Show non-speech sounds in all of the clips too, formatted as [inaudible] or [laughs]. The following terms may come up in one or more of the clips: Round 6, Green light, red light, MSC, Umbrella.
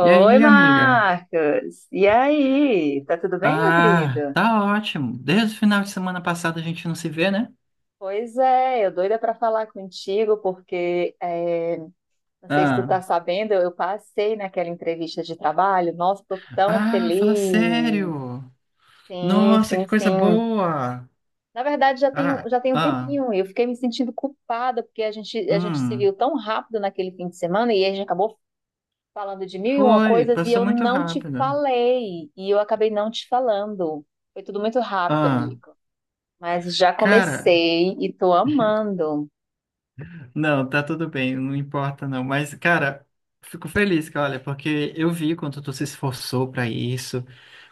E aí, amiga? Marcos. E aí? Tá tudo bem, meu querido? Ah, tá ótimo. Desde o final de semana passado a gente não se vê, né? Pois é, eu doida para falar contigo porque não sei se tu Ah, tá sabendo, eu passei naquela entrevista de trabalho. Nossa, tô tão ah, fala feliz. sério. Sim, Nossa, sim, que coisa sim. boa. Na verdade, já tem, Ah, já tem um ah, tempinho. Eu fiquei me sentindo culpada porque a gente se viu hum, tão rápido naquele fim de semana e a gente acabou falando de mil e uma foi, coisas e passou eu muito não te rápido. falei. E eu acabei não te falando. Foi tudo muito rápido, Ah, amigo. Mas já cara, comecei e tô amando. não, tá tudo bem, não importa não. Mas, cara, fico feliz, cara, olha, porque eu vi quanto tu se esforçou pra isso,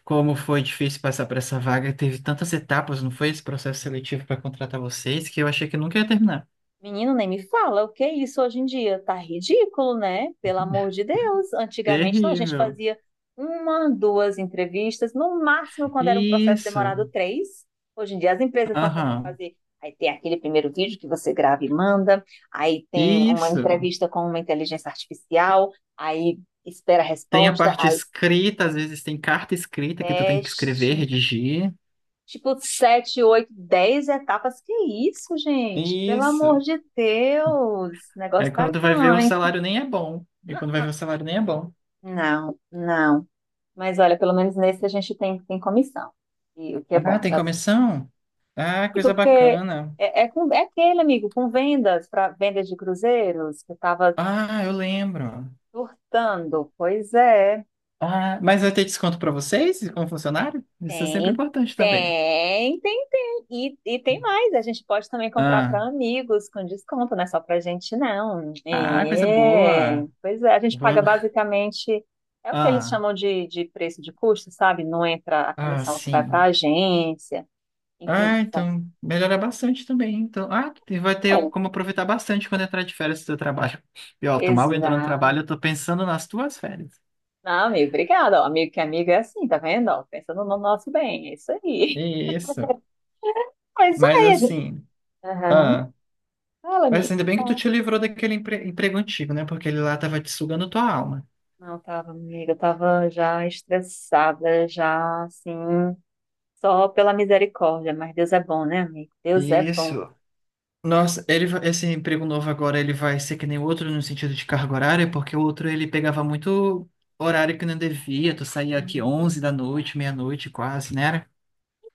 como foi difícil passar pra essa vaga, teve tantas etapas, não foi esse processo seletivo pra contratar vocês, que eu achei que nunca ia terminar. Menino, nem me fala, o que é isso hoje em dia? Tá ridículo, né? Pelo amor de Deus. Antigamente, não, a gente Terrível. fazia uma, duas entrevistas, no máximo, quando era um processo Isso. demorado, três. Hoje em dia, as empresas estão querendo Aham. fazer. Aí tem aquele primeiro vídeo que você grava e manda, aí tem uma Isso. entrevista com uma inteligência artificial, aí espera a Tem a resposta, parte aí escrita, às vezes tem carta escrita que tu tem que escrever, teste. redigir. Tipo, sete, oito, 10 etapas. Que isso, gente? Pelo amor Isso. de Deus! O Aí negócio tá quando vai ver o punk. salário nem é bom. E quando vai ver o salário nem é bom. Não, não. Mas olha, pelo menos nesse a gente tem comissão. E o que é Ah, bom. tem Eu comissão? Ah, digo coisa porque bacana. É aquele, amigo, com vendas, para vendas de cruzeiros, que eu tava Ah, eu lembro. surtando. Pois é. Ah, mas vai ter desconto para vocês, como funcionário? Isso é sempre Tem, importante também. tem, tem, tem. E tem mais, a gente pode também comprar Ah, para amigos com desconto, não é só para gente, não. ah, coisa É, boa. pois é, a gente paga Vou- basicamente, é o que eles Ah, chamam de preço de custo, sabe? Não entra a ah, comissão que vai para a sim. agência, enfim, Ah, sabe? então melhora bastante também. Então, e vai ter É, como aproveitar bastante quando entrar de férias do seu trabalho. E ó, tô mal entrando no trabalho, exato. eu tô pensando nas tuas férias. Não, amigo, obrigada. Ó. Amigo que é amigo é assim, tá vendo? Ó, pensando no nosso bem, é isso aí. [laughs] Isso. Pois Mas é, gente. assim, Aham. ah. Fala, Mas assim, amigo. ainda bem que tu te livrou daquele emprego antigo, né? Porque ele lá tava te sugando tua alma. Não, tava, amiga, eu tava já estressada, já assim, só pela misericórdia, mas Deus é bom, né, amigo? Deus é bom. Isso. Nossa, esse emprego novo agora, ele vai ser que nem o outro no sentido de carga horária, porque o outro ele pegava muito horário que não devia, tu saía aqui Uhum. 11 da noite, meia-noite quase, né?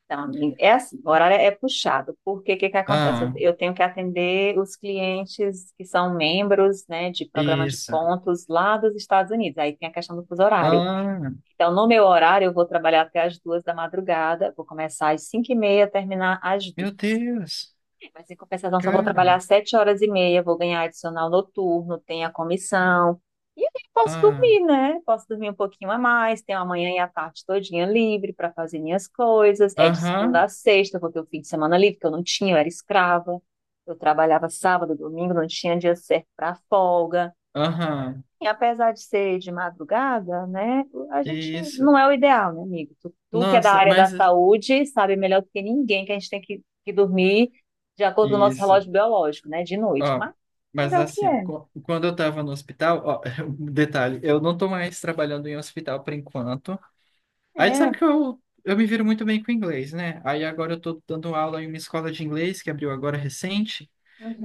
Então, amigo, é assim, o horário é puxado, porque o que que acontece? Eu, Ah, eu tenho que atender os clientes que são membros, né, de programa de isso. pontos lá dos Estados Unidos, aí tem a questão do fuso horário. Ah, Então, no meu horário, eu vou trabalhar até as 2h da madrugada, vou começar às 5h30, terminar às meu duas. Deus. Mas em compensação, só vou Cara. trabalhar sete horas e meia, vou ganhar adicional noturno, tem a comissão. E aí posso Ah, dormir, né? Posso dormir um pouquinho a mais, tenho a manhã e a tarde todinha livre para fazer minhas coisas. É de segunda aham, a sexta, vou ter o fim de semana livre, que eu não tinha, eu era escrava. Eu trabalhava sábado, domingo, não tinha dia certo para folga. aham, E apesar de ser de madrugada, né, a gente isso. não é o ideal, né, amigo? Tu que é da Nossa, área da mas... saúde sabe melhor do que ninguém que a gente tem que dormir de acordo com o nosso Isso. relógio biológico, né, de noite. Ó, Mas mas é o que assim, ó, é. Quando eu tava no hospital, ó, [laughs] um detalhe, eu não tô mais trabalhando em hospital por enquanto. Aí sabe É. que eu me viro muito bem com inglês, né? Aí agora eu tô dando aula em uma escola de inglês que abriu agora recente,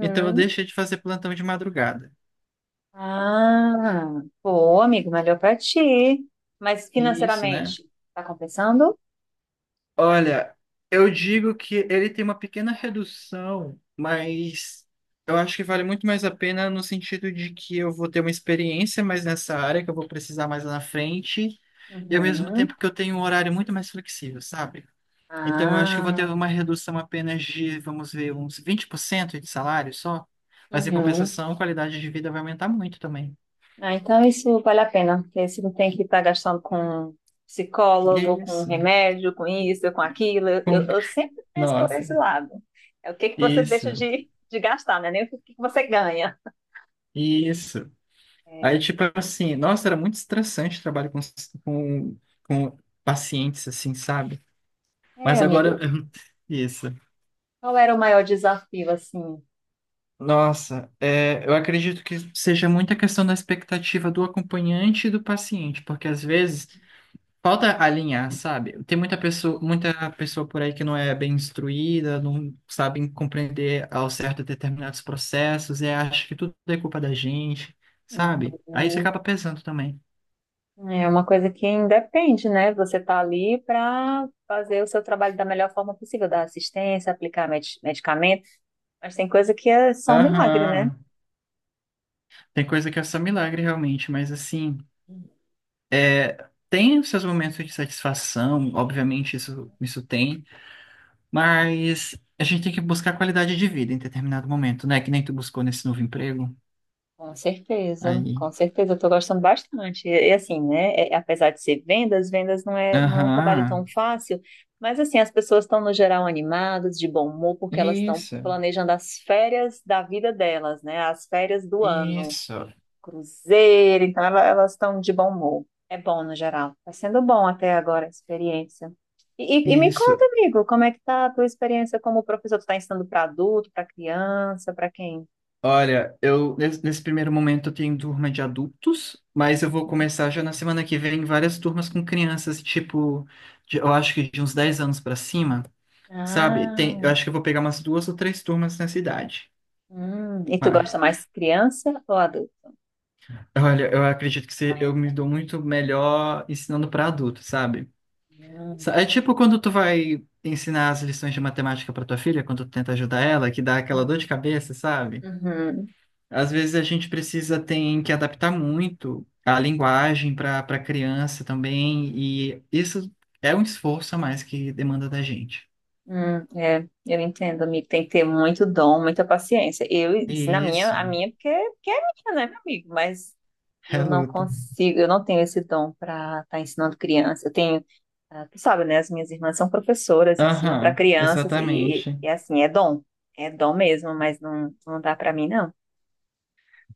então eu deixei de fazer plantão de madrugada. Ah, pô, amigo, melhor pra ti. Mas E isso, né? financeiramente, tá compensando? Olha, eu digo que ele tem uma pequena redução, mas eu acho que vale muito mais a pena no sentido de que eu vou ter uma experiência mais nessa área, que eu vou precisar mais lá na frente. E ao mesmo Uhum. tempo que eu tenho um horário muito mais flexível, sabe? Então eu acho que eu vou ter Ah, uma redução apenas de, vamos ver, uns 20% de salário só. Mas em uhum. compensação, a qualidade de vida vai aumentar muito também. Ah, então isso vale a pena, porque você não tem que estar gastando com psicólogo, com Isso. remédio, com isso, com aquilo. Eu, eu- Com- eu sempre penso por Nossa. esse lado. É o que que você deixa Isso. de gastar, né? Nem o que que você ganha. Isso. Aí, É, tipo assim, nossa, era muito estressante trabalho com, com pacientes, assim, sabe? é, Mas amigo, agora. [laughs] Isso. qual era o maior desafio, assim? Nossa, é, eu acredito que seja muita questão da expectativa do acompanhante e do paciente, porque às vezes falta alinhar, sabe? Tem muita pessoa por aí que não é bem instruída, não sabe compreender ao certo determinados processos e acha que tudo é culpa da gente, sabe? Aí isso Uhum. acaba pesando também. É uma coisa que independe, né? Você tá ali para fazer o seu trabalho da melhor forma possível, dar assistência, aplicar medicamento, mas tem coisa que é só um milagre, né? Aham. Tem coisa que é só milagre realmente, mas assim, é, tem os seus momentos de satisfação, obviamente isso, isso tem, mas a gente tem que buscar qualidade de vida em determinado momento, né? Que nem tu buscou nesse novo emprego. Aí. Com certeza, eu tô gostando bastante. E assim, né, apesar de ser vendas, vendas não é um trabalho tão Aham. fácil, mas assim, as pessoas estão no geral animadas, de bom humor, porque elas estão Isso. planejando as férias da vida delas, né, as férias do ano, Isso, cruzeiro, então elas estão de bom humor. É bom no geral, está sendo bom até agora a experiência. E me isso. conta, amigo, como é que tá a tua experiência como professor? Tu está ensinando para adulto, para criança, para quem? Olha, eu nesse primeiro momento eu tenho turma de adultos, mas eu vou Uhum. começar já na semana que vem várias turmas com crianças, tipo, eu acho que de uns 10 anos pra cima, sabe? Ah, Tem, eu acho que eu vou pegar umas duas ou três turmas nessa idade. E tu Mas, gosta mais criança ou adulto olha, eu acredito que eu me ainda? dou muito melhor ensinando pra adulto, sabe? Hum, É tipo quando tu vai ensinar as lições de matemática pra tua filha, quando tu tenta ajudar ela, que dá aquela dor de cabeça, sabe? uhum, Às vezes a gente precisa tem que adaptar muito a linguagem para criança também, e isso é um esforço a mais que demanda da gente. É, eu entendo, amigo. Tem que ter muito dom, muita paciência. Eu, isso na minha, Isso, a minha, porque é minha, né, meu amigo? Mas é a eu não luta. consigo, eu não tenho esse dom para estar ensinando criança. Eu tenho, ah, tu sabe, né? As minhas irmãs são professoras, ensinam para Aham, crianças e, exatamente, e, e, assim, é dom. É dom mesmo, mas não, não dá para mim, não.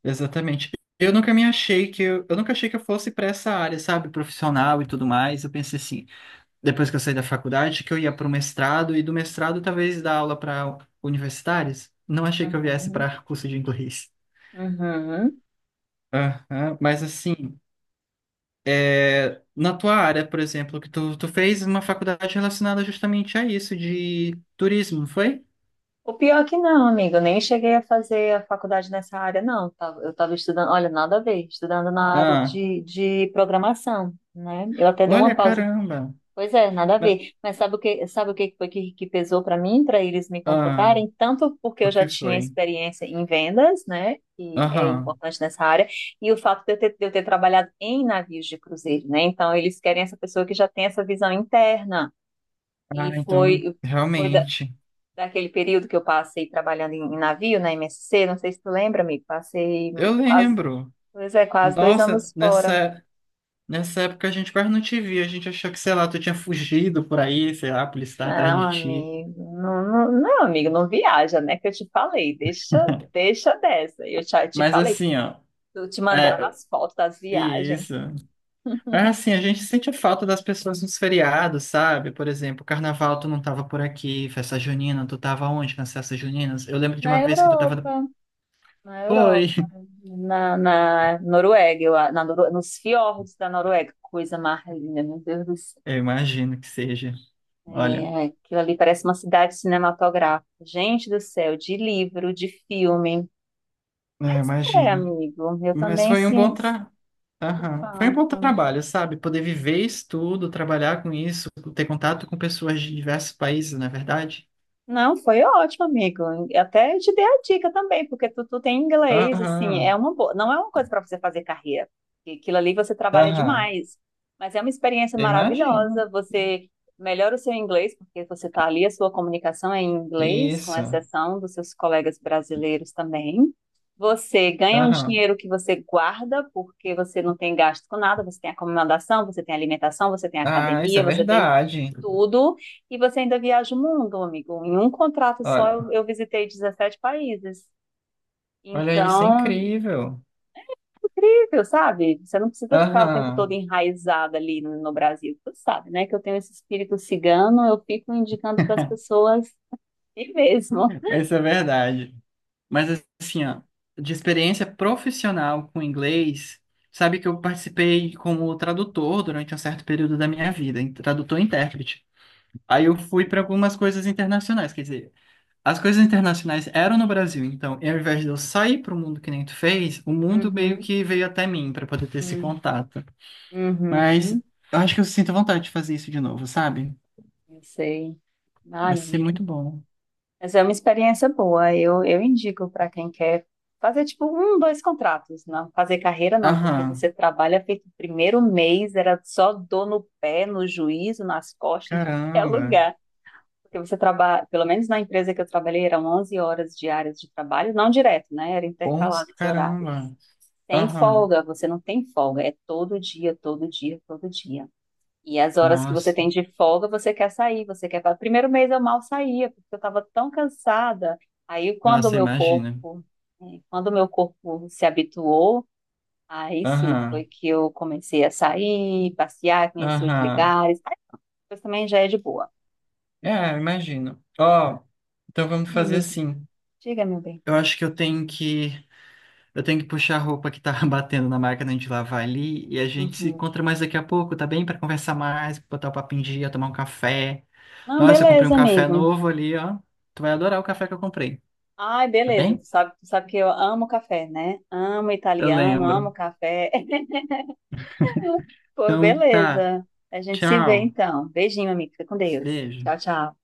exatamente. Eu nunca achei que eu fosse para essa área, sabe, profissional e tudo mais. Eu pensei assim, depois que eu saí da faculdade, que eu ia para o mestrado e do mestrado talvez dar aula para universitários. Não achei que eu viesse Uhum, para curso de inglês. uhum. Aham, mas assim, na tua área, por exemplo, que tu fez uma faculdade relacionada justamente a isso, de turismo, não foi? O pior é que não, amigo, eu nem cheguei a fazer a faculdade nessa área, não. Eu estava estudando, olha, nada a ver, estudando na área Ah, de programação, né? Eu até dei uma olha, pausa. caramba. Pois é, nada a Ma- ver. Mas sabe o que foi que pesou para mim, para eles me Ah, contratarem? Tanto porque o eu já que tinha foi? experiência em vendas, né? Que é Aham. importante nessa área, e o fato de eu ter trabalhado em navios de cruzeiro, né? Então, eles querem essa pessoa que já tem essa visão interna. Ah, E então, foi realmente. daquele período que eu passei trabalhando em navio, na MSC, não sei se tu lembra, amigo, passei Eu quase, lembro. pois é, quase dois Nossa, anos fora. nessa época a gente quase não te via. A gente achou que, sei lá, tu tinha fugido por aí, sei lá, a polícia estava atrás Não, de ti. amigo, não, não, não, amigo, não viaja, né, que eu te falei, deixa dessa, eu te Mas falei, assim, ó. eu te mandava É, as fotos das viagens isso. É assim, a gente sente falta das pessoas nos feriados, sabe? Por exemplo, carnaval tu não tava por aqui, festa junina, tu tava onde nas festas juninas? Eu lembro de na uma vez que tu tava... Europa, na Europa, Foi! [laughs] na Noruega, eu, a- na, Noru- nos fiordes da Noruega, coisa mais linda, meu Deus do. Eu imagino que seja. Olha, É, aquilo ali parece uma cidade cinematográfica. Gente do céu, de livro, de filme. é, Mas é, imagino. amigo, eu Mas também foi um sim, bom tra... sinto Aham. Foi um bom falta. trabalho, sabe? Poder viver isso tudo, trabalhar com isso, ter contato com pessoas de diversos países, não é verdade? Não, foi ótimo, amigo. Até eu te dei a dica também, porque tu tem inglês, assim, é Aham, uma boa, não é uma coisa para você fazer carreira. Porque aquilo ali você trabalha aham. demais, mas é uma experiência Eu maravilhosa. imagino. Você melhora o seu inglês, porque você está ali, a sua comunicação é em inglês, com Isso. exceção dos seus colegas brasileiros também. Você ganha um Aham. dinheiro que você guarda, porque você não tem gasto com nada, você tem acomodação, você tem alimentação, você tem Ah, isso academia, é você tem verdade. tudo e você ainda viaja o mundo, amigo. Em um contrato só eu visitei 17 países. Olha aí, isso é Então, incrível. incrível, sabe? Você não precisa ficar o tempo todo Aham, enraizada ali no Brasil. Você sabe, né? Que eu tenho esse espírito cigano, eu fico indicando para as pessoas ir mesmo. mas isso é verdade. Mas assim, ó, de experiência profissional com inglês, sabe que eu participei como tradutor durante um certo período da minha vida, tradutor e intérprete. Aí eu fui para algumas coisas internacionais, quer dizer, as coisas internacionais eram no Brasil, então, e ao invés de eu sair para o mundo que nem tu fez, o mundo meio Uhum, que veio até mim para poder ter esse uhum, contato. Mas uhum, eu acho que eu sinto vontade de fazer isso de novo, sabe? eu sei. Ai, Vai meu ser amigo. muito bom. Mas é uma experiência boa. Eu indico para quem quer fazer tipo um, dois contratos, não fazer carreira não, porque Aham. você trabalha feito o primeiro mês, era só dor no pé, no juízo, nas costas, em tudo que é Caramba, lugar. Porque você trabalha, pelo menos na empresa que eu trabalhei, eram 11 horas diárias de trabalho, não direto, né? Era 11, intercalado os horários. caramba. Tem Aham, folga, você não tem folga, é todo dia, todo dia, todo dia. E as horas que você nossa, tem de folga, você quer sair, você quer. O primeiro mês eu mal saía, porque eu estava tão cansada. Aí nossa, imagina. Quando o meu corpo se habituou, aí sim foi Aham, que eu comecei a sair, passear, conhecer os aham. lugares. Aí depois também já é de boa. É, imagino. Ó, então vamos Ih, fazer amigo, assim. diga, meu bem. Eu acho que eu tenho que puxar a roupa que tá [laughs] batendo na máquina de lavar ali e a gente se Uhum. encontra mais daqui a pouco, tá bem? Pra conversar mais, botar o papo em dia, tomar um café. Não, Nossa, eu comprei um beleza, café amigo. novo ali, ó. Tu vai adorar o café que eu comprei, Ai, tá beleza. bem? Tu sabe que eu amo café, né? Amo Eu italiano, amo lembro. café, pô, Então tá. beleza. A gente se vê Tchau. então. Beijinho, amigo. Fica com Deus. Beijo. Tchau, tchau.